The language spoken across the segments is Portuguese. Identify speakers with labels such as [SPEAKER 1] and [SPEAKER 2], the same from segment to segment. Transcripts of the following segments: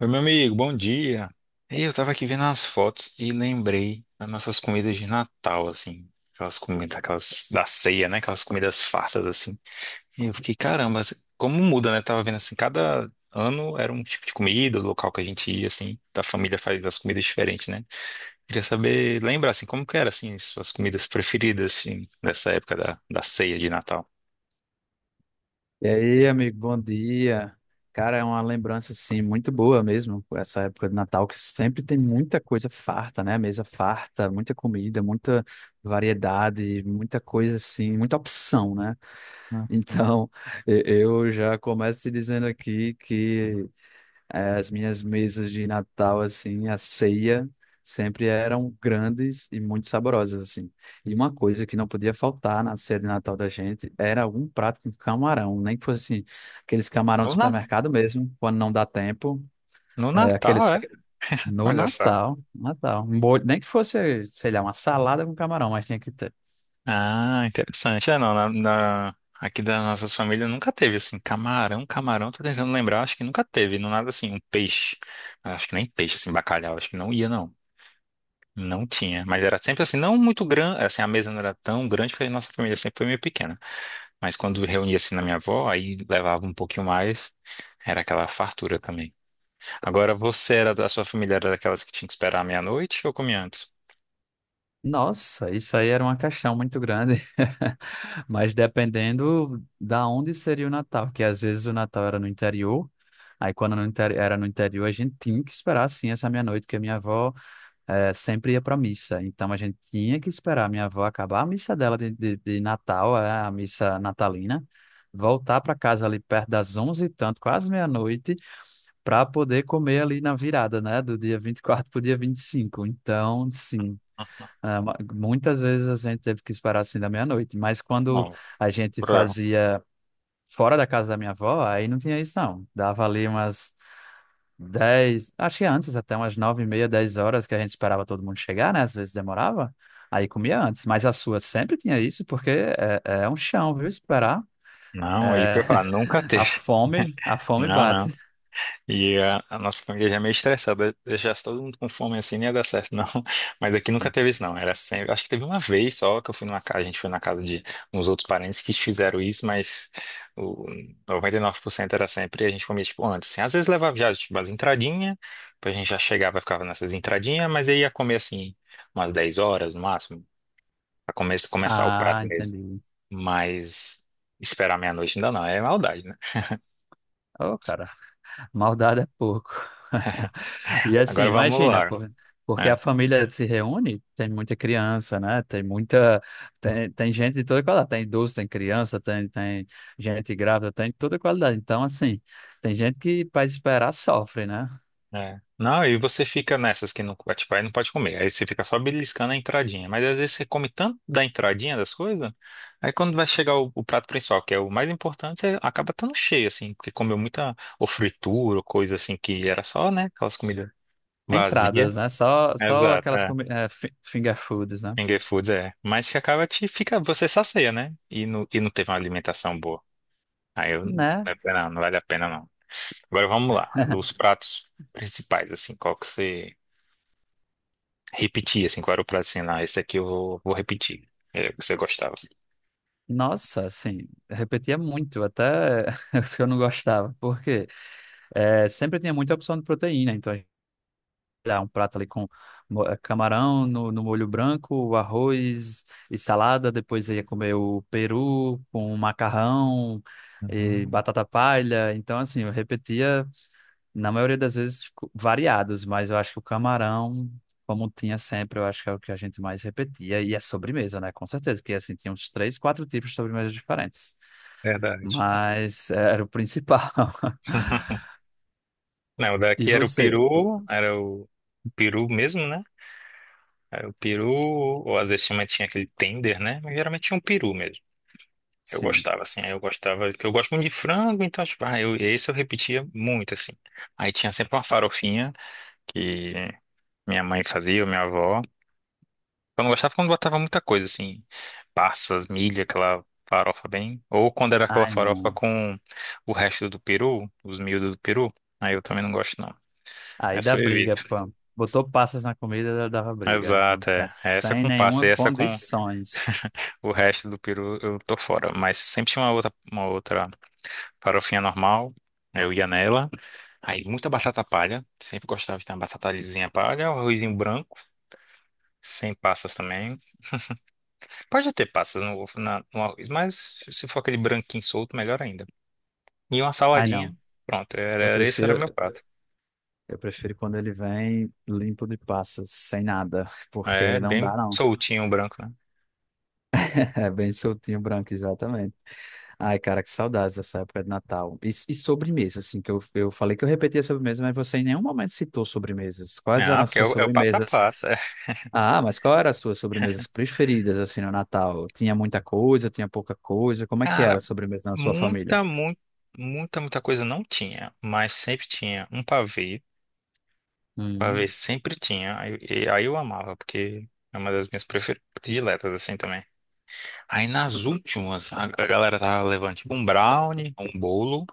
[SPEAKER 1] Oi, meu amigo, bom dia. Ei, eu tava aqui vendo as fotos e lembrei das nossas comidas de Natal, assim. Aquelas comidas, aquelas da ceia, né? Aquelas comidas fartas, assim. E eu fiquei, caramba, assim, como muda, né? Tava vendo assim, cada ano era um tipo de comida, o local que a gente ia, assim. Da família faz as comidas diferentes, né? Queria saber, lembrar, assim, como que era, assim, suas comidas preferidas, assim, nessa época da ceia de Natal.
[SPEAKER 2] E aí,
[SPEAKER 1] É,
[SPEAKER 2] amigo, bom dia. Cara, é uma lembrança assim muito boa mesmo, essa época de Natal que sempre tem muita coisa farta, né? Mesa farta, muita comida, muita variedade, muita coisa assim, muita opção, né?
[SPEAKER 1] hum.
[SPEAKER 2] Então, eu já começo te dizendo aqui que as minhas mesas de Natal, assim, a ceia, sempre eram grandes e muito saborosas, assim. E uma coisa que não podia faltar na ceia de Natal da gente era algum prato com camarão, nem que fosse, assim, aqueles camarão de
[SPEAKER 1] No, na-
[SPEAKER 2] supermercado mesmo, quando não dá tempo,
[SPEAKER 1] no
[SPEAKER 2] é, aqueles...
[SPEAKER 1] Natal, é?
[SPEAKER 2] ca- no
[SPEAKER 1] Olha só.
[SPEAKER 2] Natal, Natal, um molho, nem que fosse, sei lá, uma salada com camarão, mas tinha que ter.
[SPEAKER 1] Ah, interessante. É, não, aqui da nossa família nunca teve, assim, camarão, camarão, tô tentando lembrar, acho que nunca teve, não nada assim, um peixe. Acho que nem peixe, assim, bacalhau, acho que não ia, não. Não tinha, mas era sempre assim, não muito grande, assim, a mesa não era tão grande porque a nossa família sempre foi meio pequena. Mas quando reunia assim na minha avó, aí levava um pouquinho mais, era aquela fartura também. Agora você era, a sua família era daquelas que tinha que esperar a meia-noite ou comia antes?
[SPEAKER 2] Nossa, isso aí era uma caixão muito grande. Mas dependendo da onde seria o Natal, porque às vezes o Natal era no interior. Aí quando no interi- era no interior, a gente tinha que esperar sim essa meia-noite, porque a minha avó sempre ia para missa. Então a gente tinha que esperar a minha avó acabar a missa dela de Natal, a missa natalina, voltar para casa ali perto das onze e tanto, quase meia-noite, para poder comer ali na virada, né, do dia 24 para o dia 25. Então, sim.
[SPEAKER 1] Uhum.
[SPEAKER 2] Muitas vezes a gente teve que esperar assim da meia-noite, mas quando
[SPEAKER 1] Nossa,
[SPEAKER 2] a gente
[SPEAKER 1] cruel.
[SPEAKER 2] fazia fora da casa da minha avó, aí não tinha isso não. Dava ali umas 10 acho que antes até umas 9 e meia, 10 horas que a gente esperava todo mundo chegar, né? Às vezes demorava, aí comia antes. Mas a sua sempre tinha isso, porque é um chão, viu? Esperar.
[SPEAKER 1] Não, aí,
[SPEAKER 2] É,
[SPEAKER 1] pra nunca teve.
[SPEAKER 2] a fome
[SPEAKER 1] Não,
[SPEAKER 2] bate.
[SPEAKER 1] não. E a nossa família já é meio estressada, deixasse todo mundo com fome assim, não ia dar certo, não. Mas aqui nunca teve isso, não. Era sempre. Acho que teve uma vez só que eu fui numa casa, a gente foi na casa de uns outros parentes que fizeram isso, mas o 99% era sempre a gente comia tipo antes. Assim. Às vezes levava já tipo, as entradinhas, depois a gente já chegava e ficava nessas entradinhas, mas aí ia comer assim umas 10 horas no máximo, pra começar o
[SPEAKER 2] Ah,
[SPEAKER 1] prato mesmo.
[SPEAKER 2] entendi.
[SPEAKER 1] Mas esperar meia-noite ainda não, é maldade, né?
[SPEAKER 2] Ô, cara. Maldade é pouco. E assim,
[SPEAKER 1] Agora vamos
[SPEAKER 2] imagina,
[SPEAKER 1] lá.
[SPEAKER 2] pô, porque a
[SPEAKER 1] É,
[SPEAKER 2] família se reúne, tem muita criança, né? Tem muita. Tem gente de toda qualidade. Tem idoso, tem criança, tem gente grávida, tem toda qualidade. Então, assim, tem gente que, para esperar, sofre, né?
[SPEAKER 1] É. Não, e você fica nessas que não, é, tipo, aí não pode comer. Aí você fica só beliscando a entradinha. Mas às vezes você come tanto da entradinha das coisas, aí quando vai chegar o prato principal, que é o mais importante, você acaba estando cheio, assim, porque comeu muita ou fritura, ou coisa assim que era só, né? Aquelas comidas vazias.
[SPEAKER 2] Entradas, né? Só
[SPEAKER 1] Exato,
[SPEAKER 2] aquelas
[SPEAKER 1] é.
[SPEAKER 2] finger foods, né?
[SPEAKER 1] Finger foods, é. Mas que acaba te fica, você sacia, né? E não teve uma alimentação boa. Aí eu,
[SPEAKER 2] Né?
[SPEAKER 1] não, não vale a pena, não. Agora vamos lá, dos pratos principais, assim, qual que você repetir, assim, qual era o prato assim, não, esse aqui eu vou, repetir. É, você gostava.
[SPEAKER 2] Nossa, assim, repetia muito, até os que eu não gostava. Porque quê? É, sempre tinha muita opção de proteína, então lá, um prato ali com camarão no molho branco, arroz e salada. Depois eu ia comer o peru com macarrão e
[SPEAKER 1] Uhum,
[SPEAKER 2] batata palha. Então, assim, eu repetia, na maioria das vezes, variados, mas eu acho que o camarão. Como tinha sempre, eu acho que é o que a gente mais repetia. E a sobremesa, né? Com certeza, que assim, tinha uns três, quatro tipos de sobremesas diferentes.
[SPEAKER 1] verdade.
[SPEAKER 2] Mas era o principal.
[SPEAKER 1] Não, o
[SPEAKER 2] E
[SPEAKER 1] daqui era o
[SPEAKER 2] você?
[SPEAKER 1] peru, era o peru mesmo, né? Era o peru, ou às vezes tinha aquele tender, né? Mas geralmente tinha um peru mesmo. Eu
[SPEAKER 2] Sim.
[SPEAKER 1] gostava, assim, aí eu gostava, porque eu gosto muito de frango, então, tipo, ah, eu, esse eu repetia muito, assim. Aí tinha sempre uma farofinha que minha mãe fazia, ou minha avó. Eu não gostava quando botava muita coisa, assim, passas, milho, aquela farofa bem. Ou quando era aquela
[SPEAKER 2] Ai,
[SPEAKER 1] farofa
[SPEAKER 2] não.
[SPEAKER 1] com o resto do peru, os miúdos do peru. Aí eu também não gosto, não.
[SPEAKER 2] Aí dá
[SPEAKER 1] Essa eu
[SPEAKER 2] briga,
[SPEAKER 1] evito.
[SPEAKER 2] pô. Botou passas na comida, dava briga. Não
[SPEAKER 1] Exato,
[SPEAKER 2] tá-
[SPEAKER 1] é. É, essa
[SPEAKER 2] Sem
[SPEAKER 1] com passa
[SPEAKER 2] nenhuma
[SPEAKER 1] e essa com
[SPEAKER 2] condições.
[SPEAKER 1] o resto do peru eu tô fora. Mas sempre tinha uma outra, farofinha normal. Aí eu ia nela. Aí muita batata palha. Sempre gostava de ter uma batatazinha palha, um arrozinho branco, sem passas também. Pode ter passas no arroz, mas se for aquele branquinho solto, melhor ainda. E uma
[SPEAKER 2] Ai,
[SPEAKER 1] saladinha,
[SPEAKER 2] não.
[SPEAKER 1] pronto, era,
[SPEAKER 2] Eu
[SPEAKER 1] era- esse era meu
[SPEAKER 2] prefiro,
[SPEAKER 1] prato.
[SPEAKER 2] eu prefiro quando ele vem limpo de passas, sem nada,
[SPEAKER 1] É,
[SPEAKER 2] porque não dá,
[SPEAKER 1] bem
[SPEAKER 2] não.
[SPEAKER 1] soltinho o branco, né?
[SPEAKER 2] É bem soltinho, branco, exatamente. Ai, cara, que saudades dessa época de Natal. E sobremesa, assim, que eu falei que eu repetia sobremesa, mas você em nenhum momento citou sobremesas. Quais eram
[SPEAKER 1] Ah,
[SPEAKER 2] as
[SPEAKER 1] porque é
[SPEAKER 2] suas
[SPEAKER 1] o, é o passo a
[SPEAKER 2] sobremesas.
[SPEAKER 1] passo. É.
[SPEAKER 2] Ah, mas qual era as suas sobremesas preferidas assim no Natal? Tinha muita coisa, tinha pouca coisa? Como é que era
[SPEAKER 1] Cara,
[SPEAKER 2] a sobremesa na sua família?
[SPEAKER 1] muita, muita, muita, muita coisa não tinha, mas sempre tinha um pavê. Pavê
[SPEAKER 2] Hum,
[SPEAKER 1] sempre tinha, aí, aí eu amava, porque é uma das minhas prediletas, assim, também. Aí nas últimas, a galera tava levando tipo um brownie, um bolo,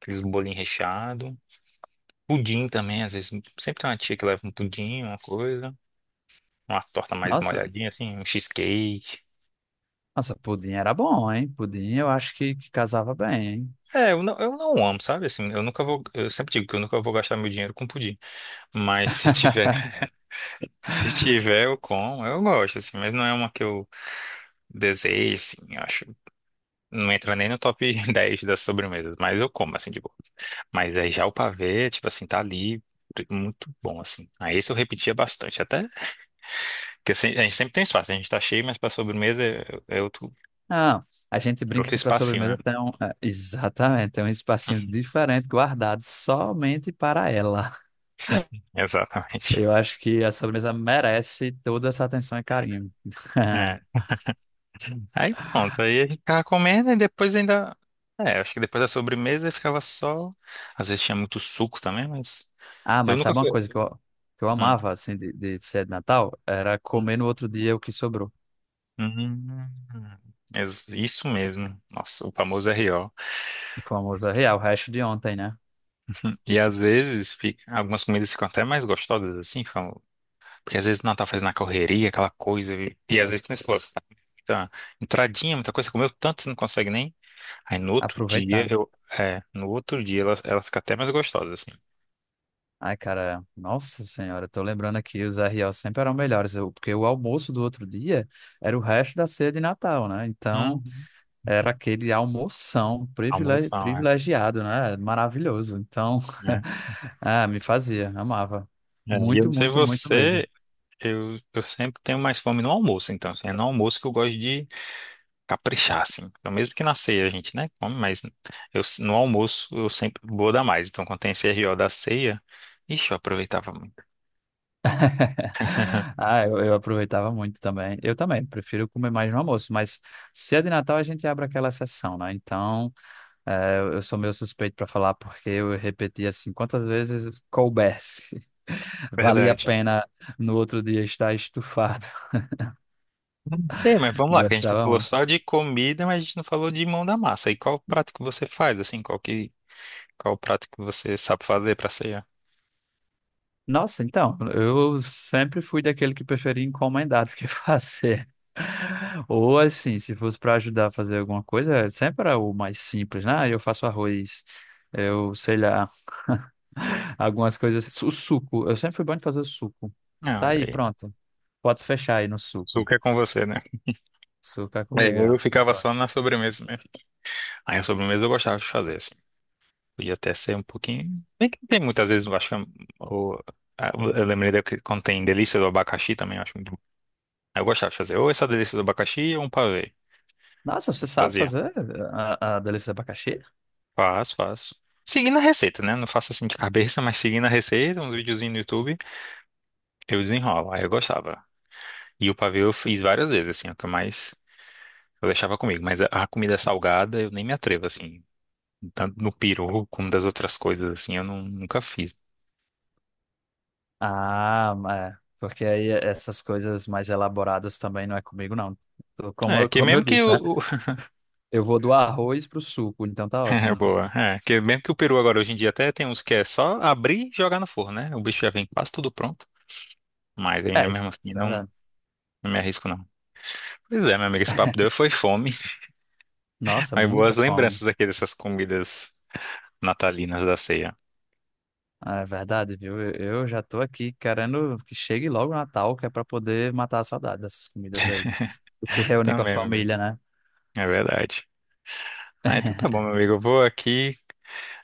[SPEAKER 1] aqueles bolinhos recheados. Pudim também, às vezes. Sempre tem uma tia que leva um pudim, uma coisa. Uma torta mais
[SPEAKER 2] nossa,
[SPEAKER 1] molhadinha, assim, um cheesecake.
[SPEAKER 2] nossa, pudim era bom, hein? Pudim eu acho que casava bem, hein?
[SPEAKER 1] É, eu não amo, sabe? Assim, eu nunca vou. Eu sempre digo que eu nunca vou gastar meu dinheiro com pudim. Mas se tiver, se tiver, eu como. Eu gosto, assim, mas não é uma que eu desejo, assim, eu acho. Não entra nem no top 10 das sobremesas, mas eu como, assim, de boa. Mas aí já o pavê, tipo assim, tá ali. Muito bom, assim. Aí esse eu repetia bastante. Até que assim, a gente sempre tem espaço, a gente tá cheio, mas pra sobremesa eu.
[SPEAKER 2] Não, a gente brinca
[SPEAKER 1] Outro
[SPEAKER 2] que para
[SPEAKER 1] espacinho, né?
[SPEAKER 2] sobremesa tem um, é, exatamente, tem um espacinho diferente guardado somente para ela.
[SPEAKER 1] Exatamente.
[SPEAKER 2] Eu acho que a sobremesa merece toda essa atenção e carinho.
[SPEAKER 1] É. Aí pronto, aí a gente ficava comendo e depois ainda. É, acho que depois da sobremesa ficava só. Às vezes tinha muito suco também, mas.
[SPEAKER 2] Ah,
[SPEAKER 1] Eu
[SPEAKER 2] mas
[SPEAKER 1] nunca
[SPEAKER 2] sabe uma
[SPEAKER 1] fui.
[SPEAKER 2] coisa que eu
[SPEAKER 1] Hum,
[SPEAKER 2] amava assim de ser de Natal? Era
[SPEAKER 1] hum,
[SPEAKER 2] comer no outro dia o que sobrou.
[SPEAKER 1] hum, hum. Ex- Isso mesmo. Nossa, o famoso R.O.
[SPEAKER 2] Famosa real, o resto de ontem, né?
[SPEAKER 1] Algumas comidas ficam até mais gostosas assim, ficam. Porque às vezes não tá fazendo na correria, aquela coisa. E às vezes, como você falou, você tá com muita entradinha, muita coisa. Você comeu tanto, você não consegue nem. Aí no outro dia,
[SPEAKER 2] Aproveitar.
[SPEAKER 1] no outro dia ela fica até mais gostosa, assim.
[SPEAKER 2] Ai, cara, nossa senhora, eu tô lembrando aqui, os R.O. sempre eram melhores, porque o almoço do outro dia era o resto da ceia de Natal, né? Então,
[SPEAKER 1] Uhum.
[SPEAKER 2] era aquele
[SPEAKER 1] Almoção, é.
[SPEAKER 2] privilegiado, né? Maravilhoso. Então,
[SPEAKER 1] É,
[SPEAKER 2] ah, me fazia, amava.
[SPEAKER 1] é. E eu
[SPEAKER 2] Muito,
[SPEAKER 1] não sei
[SPEAKER 2] muito, muito mesmo.
[SPEAKER 1] você, eu sempre tenho mais fome no almoço, então, assim, é no almoço que eu gosto de caprichar, assim. Então, mesmo que na ceia a gente, né, come, mas eu, no almoço eu sempre vou dar mais. Então, quando tem esse R.O. da ceia, ixi, eu aproveitava muito.
[SPEAKER 2] Ah, eu aproveitava muito também. Eu também, prefiro comer mais no almoço, mas ceia de Natal a gente abre aquela exceção, né? Então. É, eu sou meio suspeito para falar porque eu repeti assim quantas vezes coubesse. Valia a
[SPEAKER 1] Verdade.
[SPEAKER 2] pena no outro dia estar estufado.
[SPEAKER 1] É, mas vamos lá, que a gente tá
[SPEAKER 2] Gostava
[SPEAKER 1] falou
[SPEAKER 2] muito.
[SPEAKER 1] só de comida, mas a gente não falou de mão da massa. E qual prato que você faz, assim? Qual prato que você sabe fazer pra ceia?
[SPEAKER 2] Nossa, então, eu sempre fui daquele que preferia encomendar do que fazer. Ou assim, se fosse para ajudar a fazer alguma coisa, sempre era o mais simples, né? Ah, eu faço arroz, eu sei lá, algumas coisas. O suco, eu sempre fui bom de fazer o suco.
[SPEAKER 1] Ah,
[SPEAKER 2] Tá
[SPEAKER 1] olha
[SPEAKER 2] aí,
[SPEAKER 1] aí.
[SPEAKER 2] pronto. Pode fechar aí no suco.
[SPEAKER 1] Açúcar é com você, né?
[SPEAKER 2] Açúcar
[SPEAKER 1] É,
[SPEAKER 2] comigo, é,
[SPEAKER 1] eu
[SPEAKER 2] eu
[SPEAKER 1] ficava só na
[SPEAKER 2] gosto.
[SPEAKER 1] sobremesa mesmo. Aí a sobremesa eu gostava de fazer, assim. Podia até ser um pouquinho. Bem que tem muitas vezes, eu acho que, o- ah, eu lembrei da que quando tem delícia do abacaxi também, eu acho muito bom. Aí eu gostava de fazer ou essa delícia do abacaxi ou um pavê.
[SPEAKER 2] Nossa, você
[SPEAKER 1] Eu
[SPEAKER 2] sabe
[SPEAKER 1] fazia.
[SPEAKER 2] fazer a delícia de abacaxi?
[SPEAKER 1] Faço, faço. Seguindo a receita, né? Não faço assim de cabeça, mas seguindo a receita, um videozinho no YouTube, eu desenrolo. Aí eu gostava. E o pavê eu fiz várias vezes, assim, é o que eu mais eu deixava comigo. Mas a comida salgada eu nem me atrevo, assim. Tanto no peru como das outras coisas, assim, eu nunca fiz.
[SPEAKER 2] Ah, é. Porque aí essas coisas mais elaboradas também não é comigo, não. Tô-
[SPEAKER 1] É, que
[SPEAKER 2] como eu
[SPEAKER 1] mesmo que
[SPEAKER 2] disse, né?
[SPEAKER 1] o. o-
[SPEAKER 2] Eu vou do arroz pro suco, então tá
[SPEAKER 1] É,
[SPEAKER 2] ótimo.
[SPEAKER 1] boa. É, que mesmo que o peru agora hoje em dia até tem uns que é só abrir e jogar no forno, né? O bicho já vem quase tudo pronto. Mas ainda
[SPEAKER 2] É, isso,
[SPEAKER 1] mesmo assim, não,
[SPEAKER 2] verdade.
[SPEAKER 1] não me arrisco, não. Pois é, meu amigo, esse papo deu foi fome.
[SPEAKER 2] Nossa,
[SPEAKER 1] Aí boas
[SPEAKER 2] muita fome.
[SPEAKER 1] lembranças aqui dessas comidas natalinas da ceia.
[SPEAKER 2] Ah, é verdade, viu? Eu já tô aqui querendo que chegue logo o Natal, que é pra poder matar a saudade dessas comidas aí. E se reunir com a
[SPEAKER 1] Também, meu amigo.
[SPEAKER 2] família, né?
[SPEAKER 1] É verdade. Ah, então tá bom, meu amigo. Eu vou aqui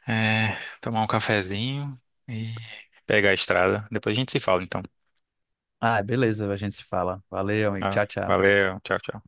[SPEAKER 1] é, tomar um cafezinho e pegar a estrada. Depois a gente se fala, então.
[SPEAKER 2] Ah, beleza, a gente se fala. Valeu, amigo.
[SPEAKER 1] Tá?
[SPEAKER 2] Tchau, tchau.
[SPEAKER 1] Valeu, tchau, tchau.